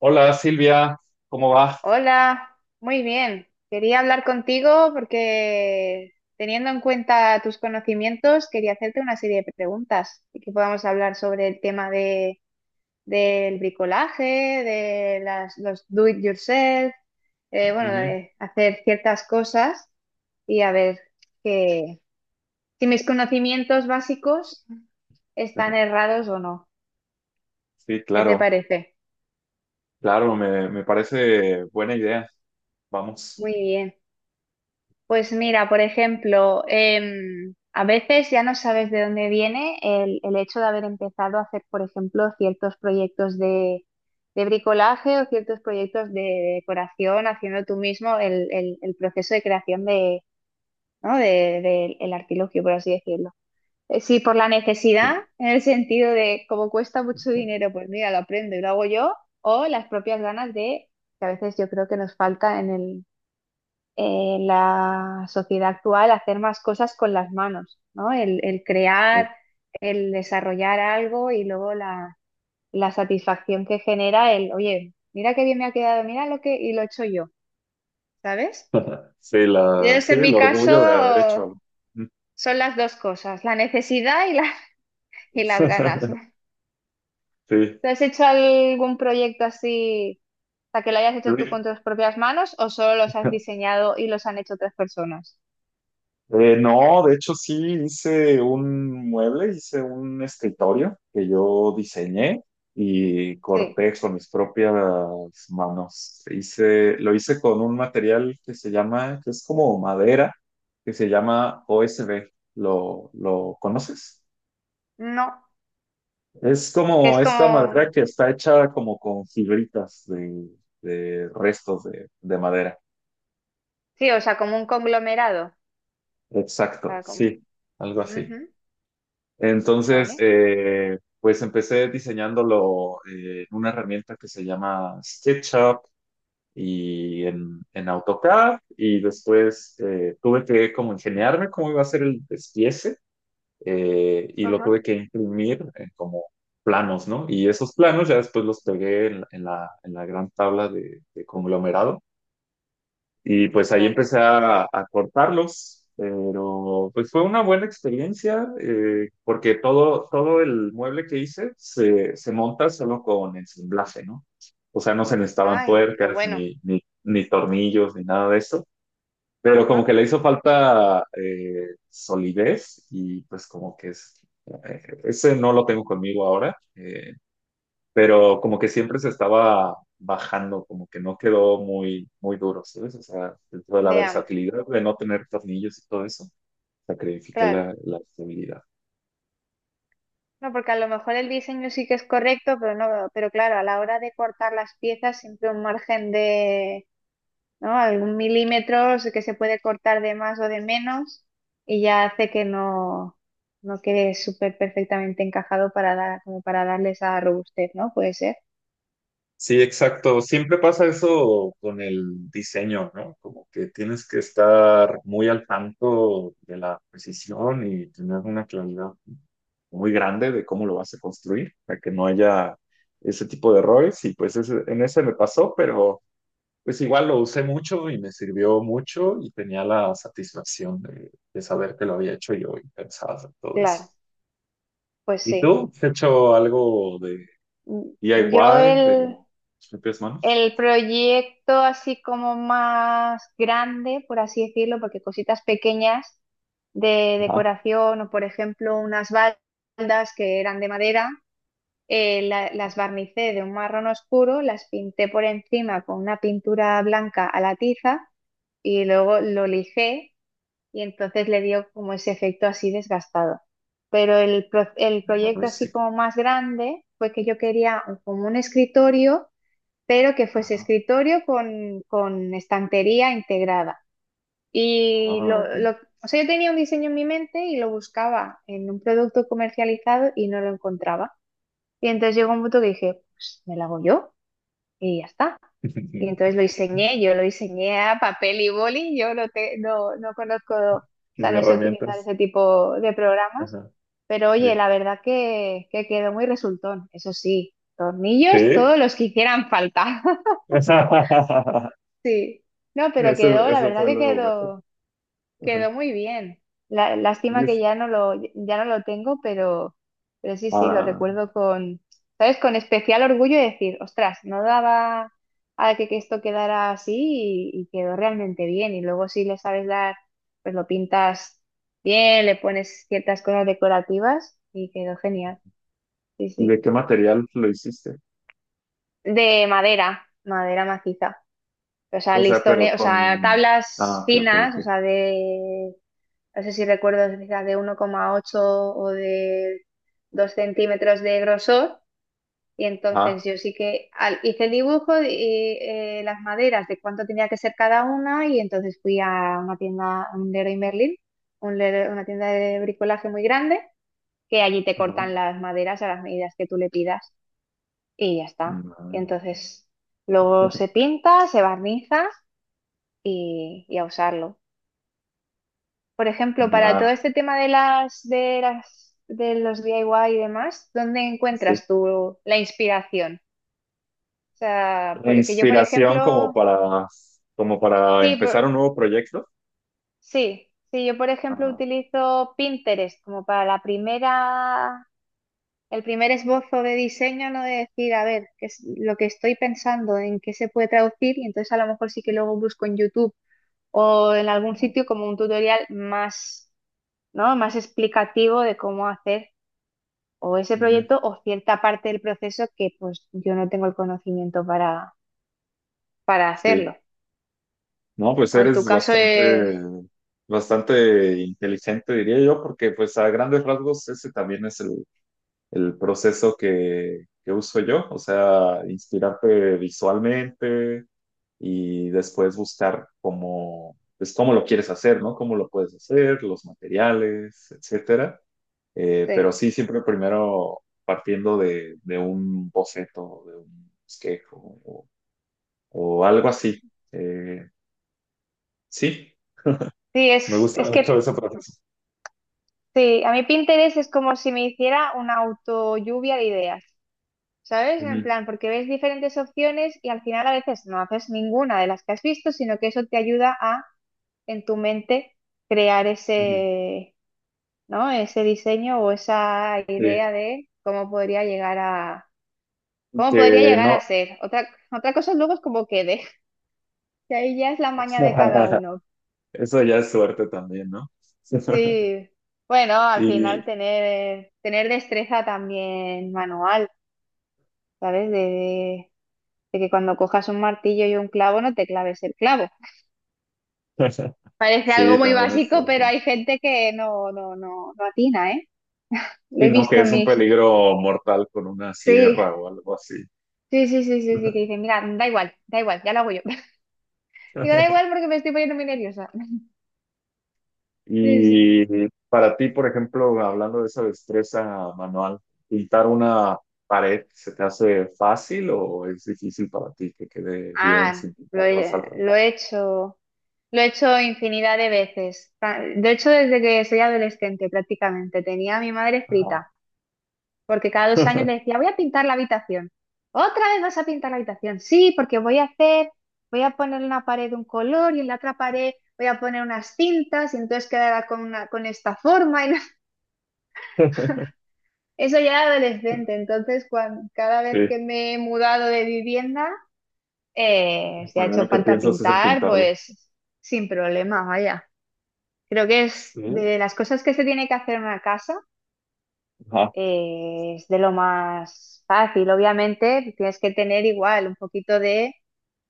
Hola Silvia, ¿cómo va? Hola, muy bien. Quería hablar contigo porque teniendo en cuenta tus conocimientos, quería hacerte una serie de preguntas y que podamos hablar sobre el tema del bricolaje, de los do it yourself, bueno, Ujú. de hacer ciertas cosas y a ver que, si mis conocimientos básicos están Ajá. errados o no. Sí, ¿Qué te claro, parece? claro, me parece buena idea. Vamos. Muy bien. Pues mira, por ejemplo, a veces ya no sabes de dónde viene el hecho de haber empezado a hacer, por ejemplo, ciertos proyectos de bricolaje o ciertos proyectos de decoración, haciendo tú mismo el proceso de creación de, ¿no?, el artilugio, por así decirlo. Sí, por la necesidad, Sí, en el sentido de como cuesta mucho dinero, pues mira, lo aprendo y lo hago yo, o las propias ganas de, que a veces yo creo que nos falta en el la sociedad actual hacer más cosas con las manos, ¿no? El crear, el desarrollar algo y luego la satisfacción que genera el, oye, mira qué bien me ha quedado, mira lo que, y lo he hecho yo, ¿sabes? sí, Y la, es sí, en el mi caso orgullo de haber hecho algo. son las dos cosas, la necesidad y, la, y las ganas. Sí, ¿Te has hecho algún proyecto así, o sea, que lo hayas hecho tú sí. con tus propias manos o solo los has diseñado y los han hecho otras personas? No, de hecho sí hice un mueble, hice un escritorio que yo diseñé y Sí, corté con mis propias manos. Hice, lo hice con un material que se llama, que es como madera, que se llama OSB. ¿Lo conoces? no, Es que como es esta madera como. que está hecha como con fibritas de restos de madera. Sí, o sea, como un conglomerado. O Exacto, sea, como. sí, algo así. Ujú. Entonces, Vale. Pues empecé diseñándolo en una herramienta que se llama SketchUp y en AutoCAD y después tuve que como ingeniarme cómo iba a ser el despiece, y lo Ajá. tuve que imprimir en como planos, ¿no? Y esos planos ya después los pegué en la gran tabla de conglomerado y pues ahí Vale. empecé a cortarlos, pero pues fue una buena experiencia, porque todo, todo el mueble que hice se monta solo con ensamblaje, ¿no? O sea, no se necesitaban Ay, qué tuercas bueno. ni tornillos ni nada de eso, pero como que Ajá. le hizo falta solidez y pues como que es, ese no lo tengo conmigo ahora. Pero como que siempre se estaba bajando, como que no quedó muy, muy duro, ¿sabes? O sea, dentro de la Ya, versatilidad de no tener tornillos y todo eso, sacrifiqué claro. la estabilidad. No, porque a lo mejor el diseño sí que es correcto, pero no, pero claro, a la hora de cortar las piezas, siempre un margen de, ¿no? Algún milímetro que se puede cortar de más o de menos, y ya hace que no, no quede súper perfectamente encajado para dar, como para darle esa robustez, ¿no? Puede ser. Sí, exacto. Siempre pasa eso con el diseño, ¿no? Como que tienes que estar muy al tanto de la precisión y tener una claridad muy grande de cómo lo vas a construir, para que no haya ese tipo de errores. Y pues en ese me pasó. Pero pues igual lo usé mucho y me sirvió mucho y tenía la satisfacción de saber que lo había hecho yo y pensar en todo eso. Claro, pues ¿Y sí. tú? ¿Has hecho algo de Mm. Yo DIY, de el, tus propias manos? El proyecto así como más grande, por así decirlo, porque cositas pequeñas de Ajá. decoración o por ejemplo unas baldas que eran de madera, las barnicé de un marrón oscuro, las pinté por encima con una pintura blanca a la tiza y luego lo lijé y entonces le dio como ese efecto así desgastado. Pero el, pro- el Más proyecto así rústico. como más grande fue que yo quería un- como un escritorio pero que fuese Ajá. escritorio con estantería integrada. Y Ah, lo, ok. lo- o sea, yo tenía un diseño en mi mente y lo buscaba en un producto comercializado y no lo encontraba. Y entonces llegó un punto que dije, pues me lo hago yo y ya está. Y entonces lo diseñé, yo lo diseñé a papel y boli, yo no conozco, o sea, Sin no sé utilizar herramientas. ese tipo de programas, Ajá. pero oye, Sí. la verdad que quedó muy resultón, eso sí, tornillos todos Sí. los que hicieran falta. Sí, no, pero Eso, quedó, la eso verdad fue que lo mejor. quedó, Ajá. quedó muy bien. La, Y lástima que es, ya no lo tengo, pero sí, sí, lo ah, recuerdo con, ¿sabes? Con especial orgullo de decir, ostras, no daba a que esto quedara así y quedó realmente bien. Y luego si le sabes dar, pues lo pintas bien, le pones ciertas cosas decorativas y quedó genial. Sí, ¿y sí. de qué material lo hiciste? De madera, madera maciza. O sea, O sea, pero listones, o sea, con... tablas Ah, ok, finas, ok, o sea, de, no sé si recuerdo, quizá de 1,8 o de 2 centímetros de grosor. Y entonces ok. yo sí que al- hice el dibujo y las maderas de cuánto tenía que ser cada una y entonces fui a una tienda, a un Leroy Merlin, una tienda de bricolaje muy grande, que allí te Ajá. cortan las maderas a las medidas que tú le pidas y ya está. Y Ma- entonces luego se pinta, se barniza y a usarlo. Por ejemplo, para todo ma- este tema de las, de las, de los DIY y demás, ¿dónde sí. encuentras tú la inspiración? O sea, La que yo, por inspiración como ejemplo, para, como para sí, empezar un nuevo proyecto. sí, sí, yo, por ejemplo, Ajá. utilizo Pinterest como para la primera, el primer esbozo de diseño, ¿no? De decir, a ver, qué es lo que estoy pensando, en qué se puede traducir, y entonces a lo mejor sí que luego busco en YouTube o en algún Ajá. sitio como un tutorial más. ¿No? Más explicativo de cómo hacer o ese Ujú. proyecto o cierta parte del proceso que pues yo no tengo el conocimiento para Sí. hacerlo. No, pues O en tu eres caso es... bastante, bastante inteligente, diría yo, porque pues a grandes rasgos ese también es el proceso que uso yo. O sea, inspirarte visualmente, y después buscar cómo, pues, cómo lo quieres hacer, ¿no? Cómo lo puedes hacer, los materiales, etcétera. Pero Sí, sí, siempre primero partiendo de un boceto, de un esquejo o, o algo así. Eh, sí, sí, me es, gusta es mucho que ese proceso. sí, a mí Pinterest es como si me hiciera una auto lluvia de ideas, ¿sabes? En Ujú, plan, porque ves diferentes opciones y al final a veces no haces ninguna de las que has visto, sino que eso te ayuda a, en tu mente, crear ujú. ese ¿no? Ese diseño o esa idea Sí, de cómo podría llegar a, cómo podría que llegar a no, ser. Otra, otra cosa luego es cómo quede, que ahí ya es la maña de cada uno. eso ya es suerte también, ¿no? Sí, bueno, al final Y tener, tener destreza también manual, ¿sabes? De que cuando cojas un martillo y un clavo no te claves el clavo. Parece algo sí, muy también es básico, todo. pero hay gente que no atina, ¿eh? Lo he Sino que visto en es un mis... peligro mortal con una Sí, sierra o algo así. sí, sí, sí, sí, sí, que dicen, mira, da igual, ya lo hago yo. Digo, da igual porque me estoy poniendo muy nerviosa. Sí, sí. Y para ti, por ejemplo, hablando de esa destreza manual, pintar una pared, ¿se te hace fácil o es difícil para ti que quede bien Ah, sin lo pintar los he, alrededores? lo he hecho, lo he hecho infinidad de veces. Ta- De hecho, desde que soy adolescente prácticamente, tenía a mi madre Ajá. frita, porque cada 2 años le decía, voy a pintar la habitación. ¿Otra vez vas a pintar la habitación? Sí, porque voy a poner en una pared un color y en la otra pared voy a poner unas cintas y entonces quedará con esta forma. Y no- Eso ya era adolescente, entonces cuan- cada vez Sí, que me he mudado de vivienda... lo si ha hecho primero que falta piensas es en pintar, pintarla. pues sin problema, vaya. Creo que es Sí. de las cosas que se tiene que hacer en una casa, Ajá. Es de lo más fácil. Obviamente, tienes que tener igual un poquito de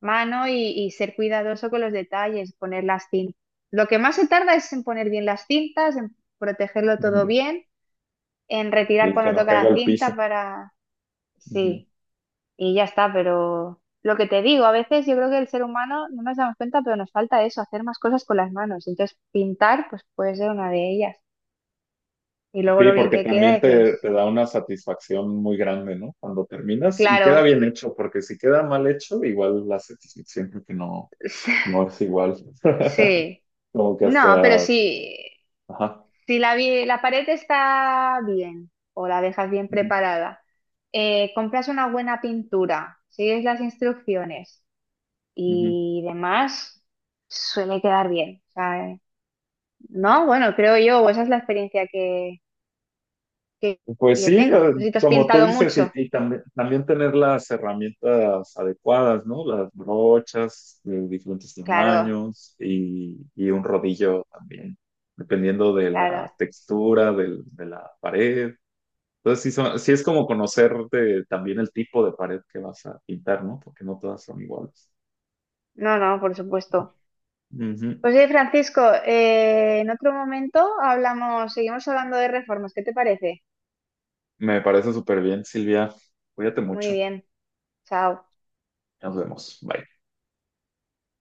mano y ser cuidadoso con los detalles, poner las cintas. Lo que más se tarda es en poner bien las cintas, en protegerlo todo Ujú. bien, en retirar Y que cuando no toca caiga la al piso. cinta para... Ujú. sí. Y ya está, pero lo que te digo, a veces yo creo que el ser humano no nos damos cuenta, pero nos falta eso, hacer más cosas con las manos. Entonces, pintar, pues puede ser una de ellas. Y luego Sí, lo bien porque que queda, también te dices, da una satisfacción muy grande, ¿no? Cuando terminas y queda claro, bien hecho, porque si queda mal hecho, igual la satisfacción creo que no, no es igual. sí. Como que No, pero hasta... sí, Ajá. si la pared está bien o la dejas bien Ujú, preparada, compras una buena pintura, sigues las instrucciones ujú. y demás, suele quedar bien. O sea, no, bueno, creo yo, o esa es la experiencia que que que Pues yo sí, tengo. Si te has como tú pintado dices, mucho. Y también, también tener las herramientas adecuadas, ¿no? Las brochas de diferentes Claro, tamaños y un rodillo también, dependiendo de claro. la textura de la pared. Entonces, sí, sí es como conocer también el tipo de pared que vas a pintar, ¿no? Porque no todas son iguales. No, no, por supuesto. Ujú. Pues oye, Francisco, en otro momento hablamos, seguimos hablando de reformas. ¿Qué te parece? Me parece súper bien, Silvia. Cuídate Muy mucho. bien. Chao. Nos vemos. Bye.